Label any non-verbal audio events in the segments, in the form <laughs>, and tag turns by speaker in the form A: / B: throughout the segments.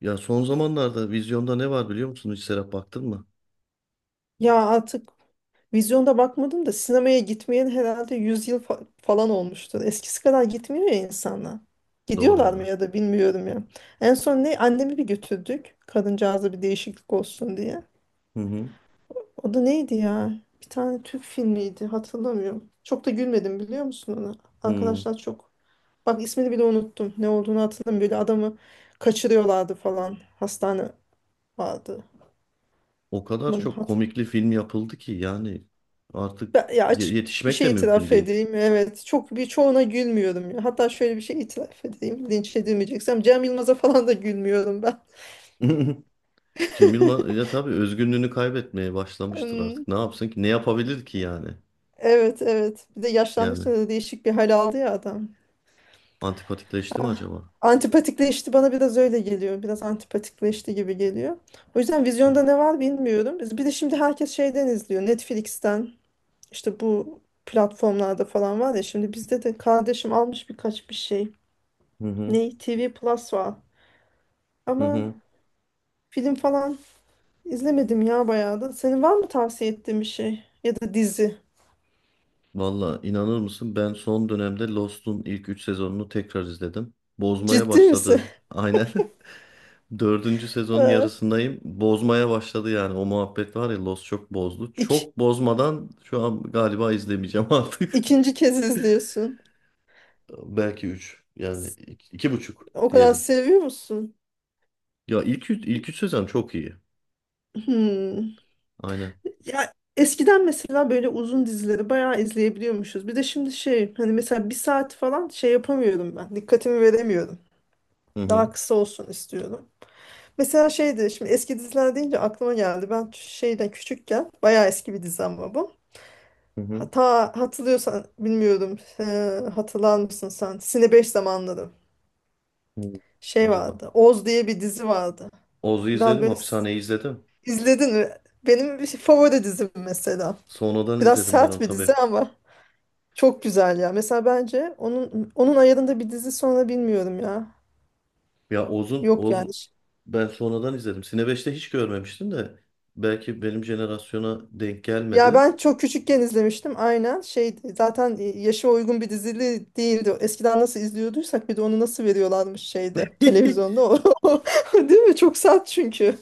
A: Ya son zamanlarda vizyonda ne var biliyor musun? Hiç Serap baktın mı?
B: Ya artık vizyonda bakmadım da sinemaya gitmeyen herhalde 100 yıl falan olmuştur. Eskisi kadar gitmiyor ya insanlar.
A: Doğru
B: Gidiyorlar mı
A: ya.
B: ya da bilmiyorum ya. En son ne annemi bir götürdük. Kadıncağıza bir değişiklik olsun diye.
A: Hı hı.
B: O da neydi ya? Bir tane Türk filmiydi hatırlamıyorum. Çok da gülmedim biliyor musun ona?
A: Hı.
B: Arkadaşlar çok. Bak ismini bile unuttum. Ne olduğunu hatırlamıyorum. Böyle adamı kaçırıyorlardı falan. Hastane vardı.
A: O kadar
B: Aman,
A: çok komikli film yapıldı ki yani artık
B: Ya açık bir
A: yetişmek de
B: şey
A: mümkün
B: itiraf
A: değil.
B: edeyim. Evet. Çok birçoğuna gülmüyorum ya. Hatta şöyle bir şey itiraf edeyim. Linç edilmeyeceksem Cem Yılmaz'a falan da gülmüyorum ben.
A: <laughs> Cem Yılmaz
B: <laughs>
A: ya tabii özgünlüğünü kaybetmeye başlamıştır
B: Hmm,
A: artık. Ne yapsın ki? Ne yapabilir ki yani?
B: evet evet. Bir de
A: Yani
B: yaşlandıkça da değişik bir hal aldı ya adam.
A: antipatikleşti mi
B: Ah,
A: acaba?
B: antipatikleşti bana biraz öyle geliyor. Biraz antipatikleşti gibi geliyor. O yüzden
A: Hı
B: vizyonda ne var bilmiyorum. Bir de şimdi herkes şeyden izliyor. Netflix'ten işte bu platformlarda falan var ya. Şimdi bizde de kardeşim almış birkaç bir şey.
A: hı.
B: Ne? TV Plus var.
A: Hı
B: Ama
A: hı.
B: film falan izlemedim ya bayağı da. Senin var mı tavsiye ettiğin bir şey? Ya da dizi?
A: Valla inanır mısın? Ben son dönemde Lost'un ilk 3 sezonunu tekrar izledim. Bozmaya
B: Ciddi misin?
A: başladı.
B: <laughs>
A: Aynen. <laughs> Dördüncü sezonun
B: Ha,
A: yarısındayım. Bozmaya başladı yani. O muhabbet var ya, Lost çok bozdu.
B: İk,
A: Çok bozmadan şu an galiba izlemeyeceğim <laughs> artık.
B: ikinci kez izliyorsun.
A: Belki üç. Yani iki, iki buçuk
B: O kadar
A: diyelim.
B: seviyor musun?
A: Ya ilk üç sezon çok iyi.
B: Hmm.
A: Aynen.
B: Ya eskiden mesela böyle uzun dizileri bayağı izleyebiliyormuşuz. Bir de şimdi şey hani mesela bir saat falan şey yapamıyorum ben. Dikkatimi veremiyorum.
A: Hı hı.
B: Daha kısa olsun istiyorum. Mesela şeydi şimdi eski diziler deyince aklıma geldi. Ben şeyden küçükken bayağı eski bir dizi ama bu.
A: Hı hı.
B: Hata hatırlıyorsan bilmiyorum. Hatırlar mısın sen? Sine 5 zamanları.
A: Hı.
B: Şey
A: Acaba.
B: vardı. Oz diye bir dizi vardı.
A: Oz'u
B: Biraz
A: izledim.
B: böyle
A: Hapishaneyi izledim.
B: izledin mi? Benim favori dizim mesela.
A: Sonradan
B: Biraz
A: izledim ben
B: sert
A: onu
B: bir dizi
A: tabii.
B: ama çok güzel ya. Mesela bence onun ayarında bir dizi sonra bilmiyorum ya.
A: Ya Oz'un
B: Yok
A: Oz
B: yani.
A: ben sonradan izledim. Sine 5'te hiç görmemiştim de belki benim jenerasyona denk
B: Ya
A: gelmedi.
B: ben çok küçükken izlemiştim aynen şeydi zaten yaşa uygun bir dizili değildi. Eskiden nasıl izliyorduysak bir de onu nasıl veriyorlarmış şeyde
A: <laughs>
B: televizyonda <laughs> o. Değil mi? Çok sert çünkü.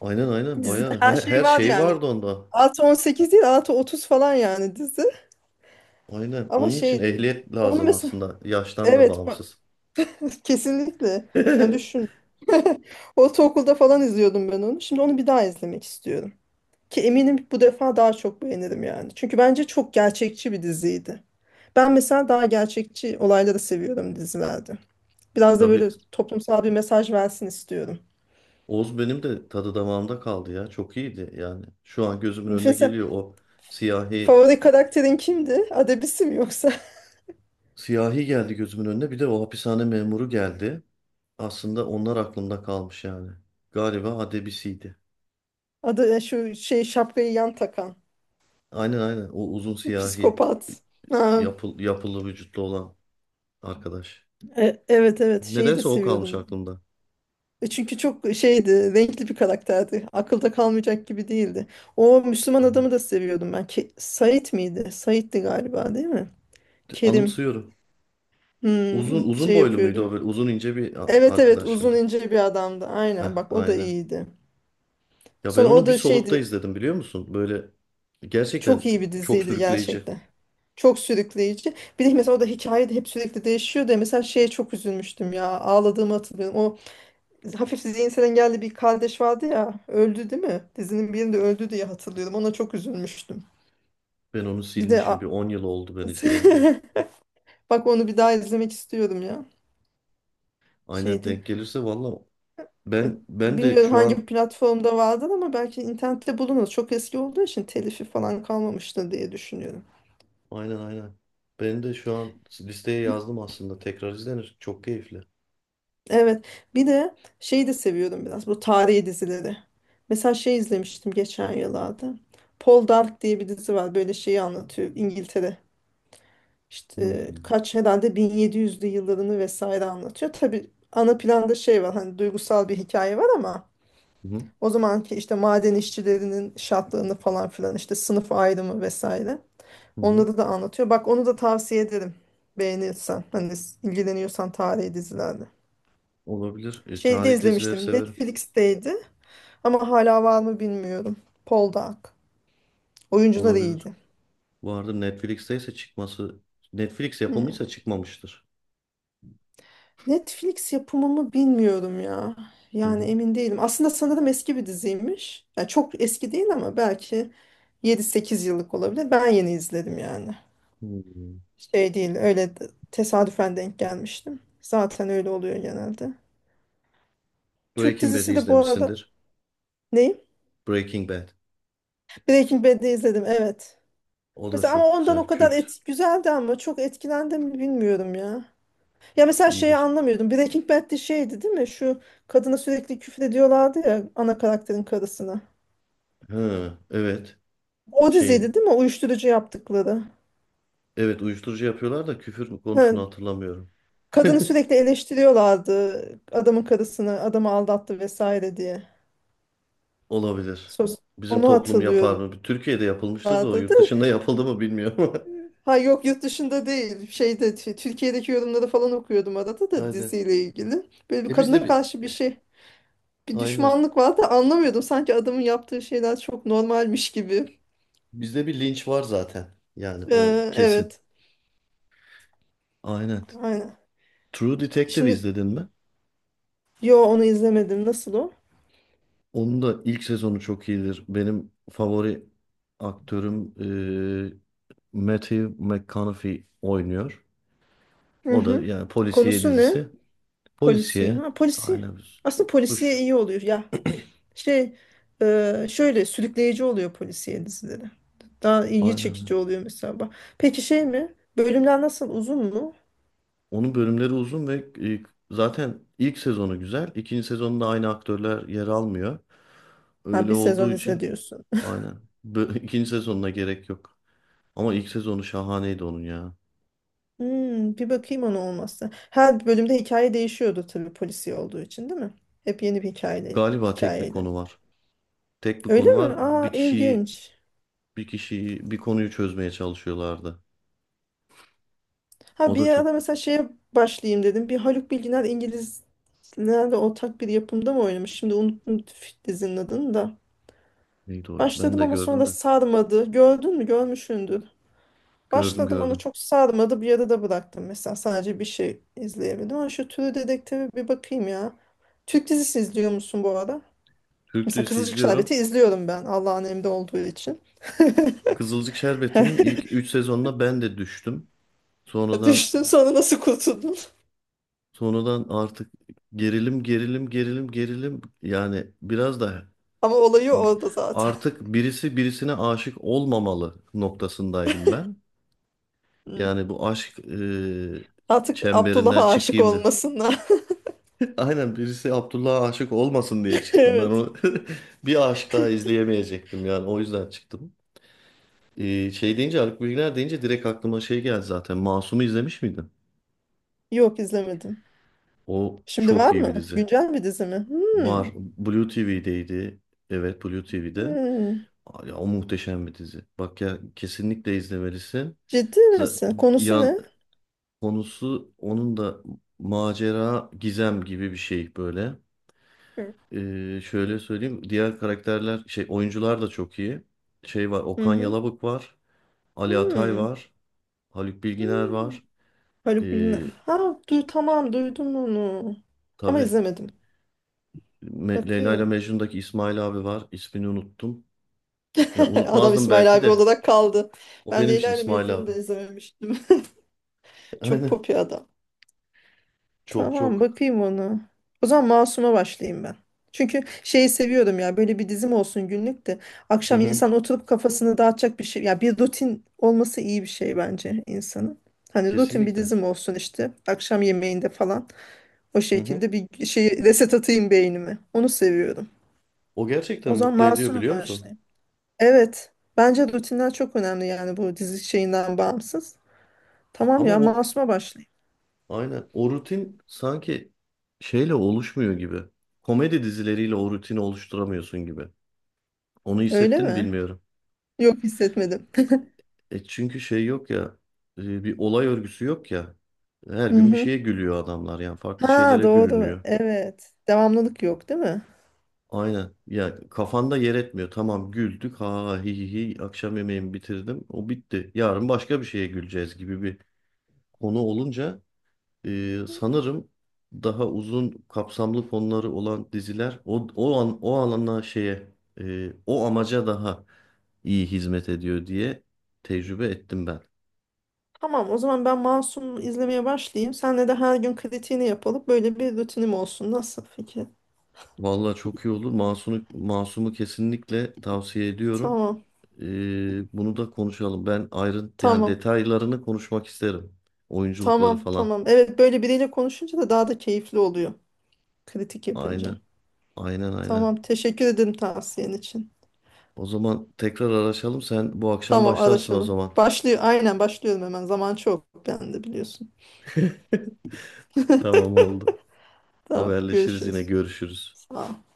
A: Aynen aynen,
B: Dizide
A: bayağı
B: her şey
A: her,
B: var
A: şey
B: yani.
A: vardı onda.
B: Artı 18 değil artı 30 falan yani dizi.
A: Aynen.
B: Ama
A: Onun için
B: şeydi.
A: ehliyet
B: Onu
A: lazım
B: mesela
A: aslında. Yaştan da
B: evet bak,
A: bağımsız.
B: <laughs> kesinlikle. Yani düşün.
A: <laughs>
B: <laughs> Ortaokulda falan izliyordum ben onu. Şimdi onu bir daha izlemek istiyorum. Ki eminim bu defa daha çok beğenirim yani. Çünkü bence çok gerçekçi bir diziydi. Ben mesela daha gerçekçi olayları seviyorum dizilerde. Biraz da böyle
A: Tabii,
B: toplumsal bir mesaj versin istiyorum.
A: Oz benim de tadı damağımda kaldı ya. Çok iyiydi yani. Şu an gözümün önüne
B: Mesela
A: geliyor o siyahi,
B: favori karakterin kimdi? Adebisi mi yoksa? <laughs>
A: siyahi geldi gözümün önüne. Bir de o hapishane memuru geldi. Aslında onlar aklımda kalmış yani. Galiba Adebisi'ydi.
B: Adı şu şey şapkayı yan takan.
A: Aynen aynen. O uzun siyahi
B: Psikopat. Ha,
A: yapılı vücutlu olan arkadaş.
B: evet evet şeyi de
A: Nedense o kalmış
B: seviyordum.
A: aklımda.
B: Çünkü çok şeydi, renkli bir karakterdi. Akılda kalmayacak gibi değildi. O Müslüman
A: Evet.
B: adamı da seviyordum ben. Said miydi? Said'di galiba değil mi? Kerim.
A: Anımsıyorum. Uzun uzun
B: Şey
A: boylu muydu
B: yapıyordu.
A: o, böyle uzun ince bir
B: Evet evet
A: arkadaş
B: uzun
A: mıydı?
B: ince bir adamdı.
A: Heh,
B: Aynen bak o da
A: aynen.
B: iyiydi.
A: Ya ben
B: Sonra o
A: onu bir
B: da
A: solukta
B: şeydi
A: izledim, biliyor musun? Böyle
B: çok
A: gerçekten
B: iyi bir
A: çok
B: diziydi
A: sürükleyici.
B: gerçekten. Çok sürükleyici. Bir de mesela o da hikaye de hep sürekli değişiyor da mesela şeye çok üzülmüştüm ya. Ağladığımı hatırlıyorum. O hafif zihinsel engelli bir kardeş vardı ya. Öldü değil mi? Dizinin birinde öldü diye hatırlıyorum. Ona çok üzülmüştüm.
A: Ben onu
B: Bir de
A: silmişim. Bir 10 yıl oldu ben izleyeli de.
B: <laughs> bak onu bir daha izlemek istiyorum ya.
A: Aynen,
B: Şeydi.
A: denk gelirse valla ben de
B: Bilmiyorum
A: şu an
B: hangi platformda vardır ama belki internette bulunur. Çok eski olduğu için telifi falan kalmamıştır diye düşünüyorum.
A: aynen aynen. Ben de şu an listeye yazdım aslında. Tekrar izlenir. Çok keyifli.
B: Evet. Bir de şeyi de seviyorum biraz bu tarihi dizileri. Mesela şey izlemiştim geçen yıllarda. Paul Dark diye bir dizi var. Böyle şeyi anlatıyor İngiltere. İşte
A: Hmm.
B: kaç herhalde 1700'lü yıllarını vesaire anlatıyor. Tabii ana planda şey var hani duygusal bir hikaye var ama
A: Hı hı.
B: o zamanki işte maden işçilerinin şartlarını falan filan işte sınıf ayrımı vesaire.
A: Hı hı.
B: Onları da anlatıyor. Bak onu da tavsiye ederim. Beğenirsen. Hani ilgileniyorsan tarihi dizilerle.
A: Olabilir.
B: Şeyde
A: Tarihi dizileri
B: izlemiştim.
A: severim.
B: Netflix'teydi. Ama hala var mı bilmiyorum. Poldark. Oyuncular
A: Olabilir.
B: iyiydi.
A: Vardır, Netflix'teyse çıkması Netflix
B: Hmm.
A: yapımıysa çıkmamıştır.
B: Netflix yapımı mı bilmiyorum ya.
A: Hı
B: Yani
A: hı.
B: emin değilim. Aslında sanırım eski bir diziymiş. Yani çok eski değil ama belki 7-8 yıllık olabilir. Ben yeni izledim yani.
A: Hmm.
B: Şey değil öyle tesadüfen denk gelmiştim. Zaten öyle oluyor genelde. Türk
A: Breaking Bad'i
B: dizisi de bu arada...
A: izlemişsindir.
B: Neyi?
A: Breaking Bad.
B: Breaking Bad'i izledim evet.
A: O da
B: Mesela ama
A: çok
B: ondan o
A: güzel.
B: kadar
A: Kült.
B: güzeldi ama çok etkilendim mi bilmiyorum ya. Ya mesela şeyi
A: İyidir.
B: anlamıyordum. Breaking Bad'de şeydi değil mi? Şu kadına sürekli küfür ediyorlardı ya ana karakterin karısına.
A: Ha, evet.
B: O diziydi
A: Şeyin.
B: değil mi? Uyuşturucu yaptıkları.
A: Evet, uyuşturucu yapıyorlar da küfür mü konusunu
B: Ha,
A: hatırlamıyorum.
B: kadını
A: <laughs>
B: sürekli eleştiriyorlardı. Adamın karısını, adamı aldattı vesaire diye.
A: Olabilir.
B: Sos
A: Bizim
B: onu
A: toplum yapar
B: hatırlıyorlardı
A: mı? Türkiye'de yapılmıştır da o
B: da.
A: yurt dışında yapıldı mı bilmiyorum ama.
B: Ha yok yurt dışında değil. Şeyde Türkiye'deki yorumları falan okuyordum arada
A: <laughs>
B: da
A: Aynen.
B: diziyle ilgili. Böyle bir
A: E bizde
B: kadına
A: bir
B: karşı bir şey bir
A: aynen.
B: düşmanlık var da anlamıyordum. Sanki adamın yaptığı şeyler çok normalmiş gibi.
A: Bizde bir linç var zaten. Yani o
B: Ee,
A: kesin.
B: evet.
A: Aynen.
B: Aynen.
A: True Detective
B: Şimdi
A: izledin mi?
B: yo onu izlemedim. Nasıl o?
A: Onun da ilk sezonu çok iyidir. Benim favori aktörüm eee Matthew McConaughey oynuyor.
B: Hı
A: O da
B: hı.
A: yani polisiye
B: Konusu ne?
A: dizisi.
B: Polisi.
A: Polisiye
B: Ha polisi.
A: aynen,
B: Aslında
A: suç.
B: polisiye iyi oluyor. Ya şey şöyle sürükleyici oluyor polisiye dizileri. Daha ilgi
A: Aynen.
B: çekici oluyor mesela. Bak. Peki şey mi? Bölümler nasıl? Uzun mu?
A: Onun bölümleri uzun ve e, zaten ilk sezonu güzel. İkinci sezonda aynı aktörler yer almıyor.
B: Ha
A: Öyle
B: bir sezon
A: olduğu
B: izle
A: için
B: diyorsun.
A: aynen. <laughs> İkinci sezonuna gerek yok. Ama ilk sezonu şahaneydi onun ya.
B: Hmm, bir bakayım ona olmazsa. Her bölümde hikaye değişiyordu tabii polisi olduğu için değil mi? Hep yeni bir
A: Galiba tek bir
B: hikayeydi.
A: konu var. Tek bir
B: Öyle
A: konu
B: mi?
A: var.
B: Aa
A: Bir kişiyi,
B: ilginç.
A: bir kişiyi, bir konuyu çözmeye çalışıyorlardı.
B: Ha
A: O da
B: bir ara
A: çok,
B: mesela şeye başlayayım dedim. Bir Haluk Bilginer İngilizlerle ortak bir yapımda mı oynamış? Şimdi unuttum dizinin adını da.
A: neydi o? Ben
B: Başladım
A: de
B: ama
A: gördüm
B: sonra
A: de.
B: sarmadı. Gördün mü? Görmüşsündür.
A: Gördüm
B: Başladım ama
A: gördüm.
B: çok sarmadı. Bir yarıda bıraktım mesela. Sadece bir şey izleyebildim. Ama şu türü dedektife bir bakayım ya. Türk dizisi izliyor musun bu arada?
A: Türk
B: Mesela
A: dizisi
B: Kızılcık
A: izliyorum.
B: Şerbeti izliyorum ben Allah'ın emri olduğu için. <laughs>
A: Kızılcık Şerbeti'nin ilk 3 sezonuna ben de düştüm. Sonradan
B: Düştün sonra nasıl kurtuldun?
A: sonradan artık gerilim gerilim gerilim gerilim, yani biraz da
B: Ama olayı orada zaten.
A: artık birisi birisine aşık olmamalı noktasındaydım ben.
B: Hı.
A: Yani bu aşk
B: Artık
A: çemberinden
B: Abdullah'a aşık
A: çıkayım da
B: olmasınlar. <laughs>
A: aynen birisi Abdullah'a aşık olmasın diye çıktım. Ben
B: Evet.
A: onu <laughs> bir aşık daha izleyemeyecektim yani, o yüzden çıktım. Şey deyince, Haluk Bilginer deyince direkt aklıma şey geldi zaten. Masum'u izlemiş miydin?
B: Yok izlemedim.
A: O
B: Şimdi
A: çok
B: var
A: iyi bir
B: mı?
A: dizi.
B: Güncel bir dizi mi? Hmm.
A: Var. Blue TV'deydi. Evet, Blue TV'de.
B: Hmm.
A: Aa, ya, o muhteşem bir dizi. Bak ya, kesinlikle izlemelisin.
B: Ciddi
A: Z-
B: misin? Konusu
A: Yan
B: ne?
A: konusu onun da macera, gizem gibi bir şey böyle.
B: Hı
A: Şöyle söyleyeyim. Diğer karakterler, şey, oyuncular da çok iyi. Şey var, Okan
B: hı.
A: Yalabık var. Ali Atay
B: Hmm.
A: var. Haluk Bilginer
B: Hmm.
A: var.
B: Haluk Bilginer.
A: Ee,
B: Ha,
A: ş-
B: tamam duydum onu. Ama
A: tabii
B: izlemedim.
A: Leyla ile
B: Bakayım.
A: Mecnun'daki İsmail abi var. İsmini unuttum. Ya
B: <laughs> Adam
A: unutmazdım
B: İsmail
A: belki
B: abi
A: de.
B: olarak kaldı.
A: O
B: Ben
A: benim için
B: Leyla ile
A: İsmail
B: Mecnun'u
A: abi.
B: da izlememiştim.
A: <laughs>
B: <laughs> Çok
A: Aynen.
B: pop bir adam.
A: Çok
B: Tamam
A: çok.
B: bakayım onu. O zaman Masum'a başlayayım ben. Çünkü şeyi seviyorum ya böyle bir dizim olsun günlük de
A: Hı
B: akşam
A: hı.
B: insan oturup kafasını dağıtacak bir şey ya bir rutin olması iyi bir şey bence insanın. Hani rutin bir
A: Kesinlikle.
B: dizim olsun işte akşam yemeğinde falan o
A: Hı hı.
B: şekilde bir şey reset atayım beynime onu seviyorum.
A: O
B: O
A: gerçekten
B: zaman
A: mutlu ediyor,
B: Masum'a
A: biliyor musun?
B: başlayayım. Evet. Bence rutinler çok önemli yani bu dizi şeyinden bağımsız. Tamam
A: Ama
B: ya
A: o
B: Masum'a başlayayım.
A: aynen, o rutin sanki şeyle oluşmuyor gibi. Komedi dizileriyle o rutini oluşturamıyorsun gibi. Onu
B: Öyle
A: hissettin mi
B: mi?
A: bilmiyorum.
B: Yok hissetmedim. <laughs>
A: E çünkü şey yok ya, bir olay örgüsü yok ya. Her
B: Hı
A: gün bir
B: hı.
A: şeye gülüyor adamlar, yani farklı
B: Ha
A: şeylere
B: doğru.
A: gülünüyor.
B: Evet. Devamlılık yok değil mi?
A: Aynen. Ya kafanda yer etmiyor. Tamam, güldük. Ha hi hi hi. Akşam yemeğimi bitirdim. O bitti. Yarın başka bir şeye güleceğiz gibi bir konu olunca sanırım daha uzun kapsamlı konuları olan diziler o o an o alana şeye o amaca daha iyi hizmet ediyor diye tecrübe ettim ben.
B: Tamam o zaman ben Masum izlemeye başlayayım. Senle de her gün kritiğini yapalım. Böyle bir rutinim olsun. Nasıl fikir?
A: Vallahi çok iyi olur. Masum'u kesinlikle tavsiye ediyorum.
B: Tamam.
A: Bunu da konuşalım. Ben ayrı yani
B: Tamam.
A: detaylarını konuşmak isterim. Oyunculukları
B: Tamam.
A: falan.
B: Tamam. Evet böyle biriyle konuşunca da daha da keyifli oluyor. Kritik yapınca.
A: Aynen. Aynen aynen.
B: Tamam. Teşekkür ederim tavsiyen için.
A: O zaman tekrar araşalım. Sen bu akşam
B: Tamam
A: başlarsın o
B: araşalım.
A: zaman.
B: Başlıyor. Aynen başlıyorum hemen. Zaman çok bende biliyorsun.
A: <laughs> Tamam, oldu.
B: Tamam
A: Haberleşiriz, yine
B: görüşürüz.
A: görüşürüz.
B: Sağ ol.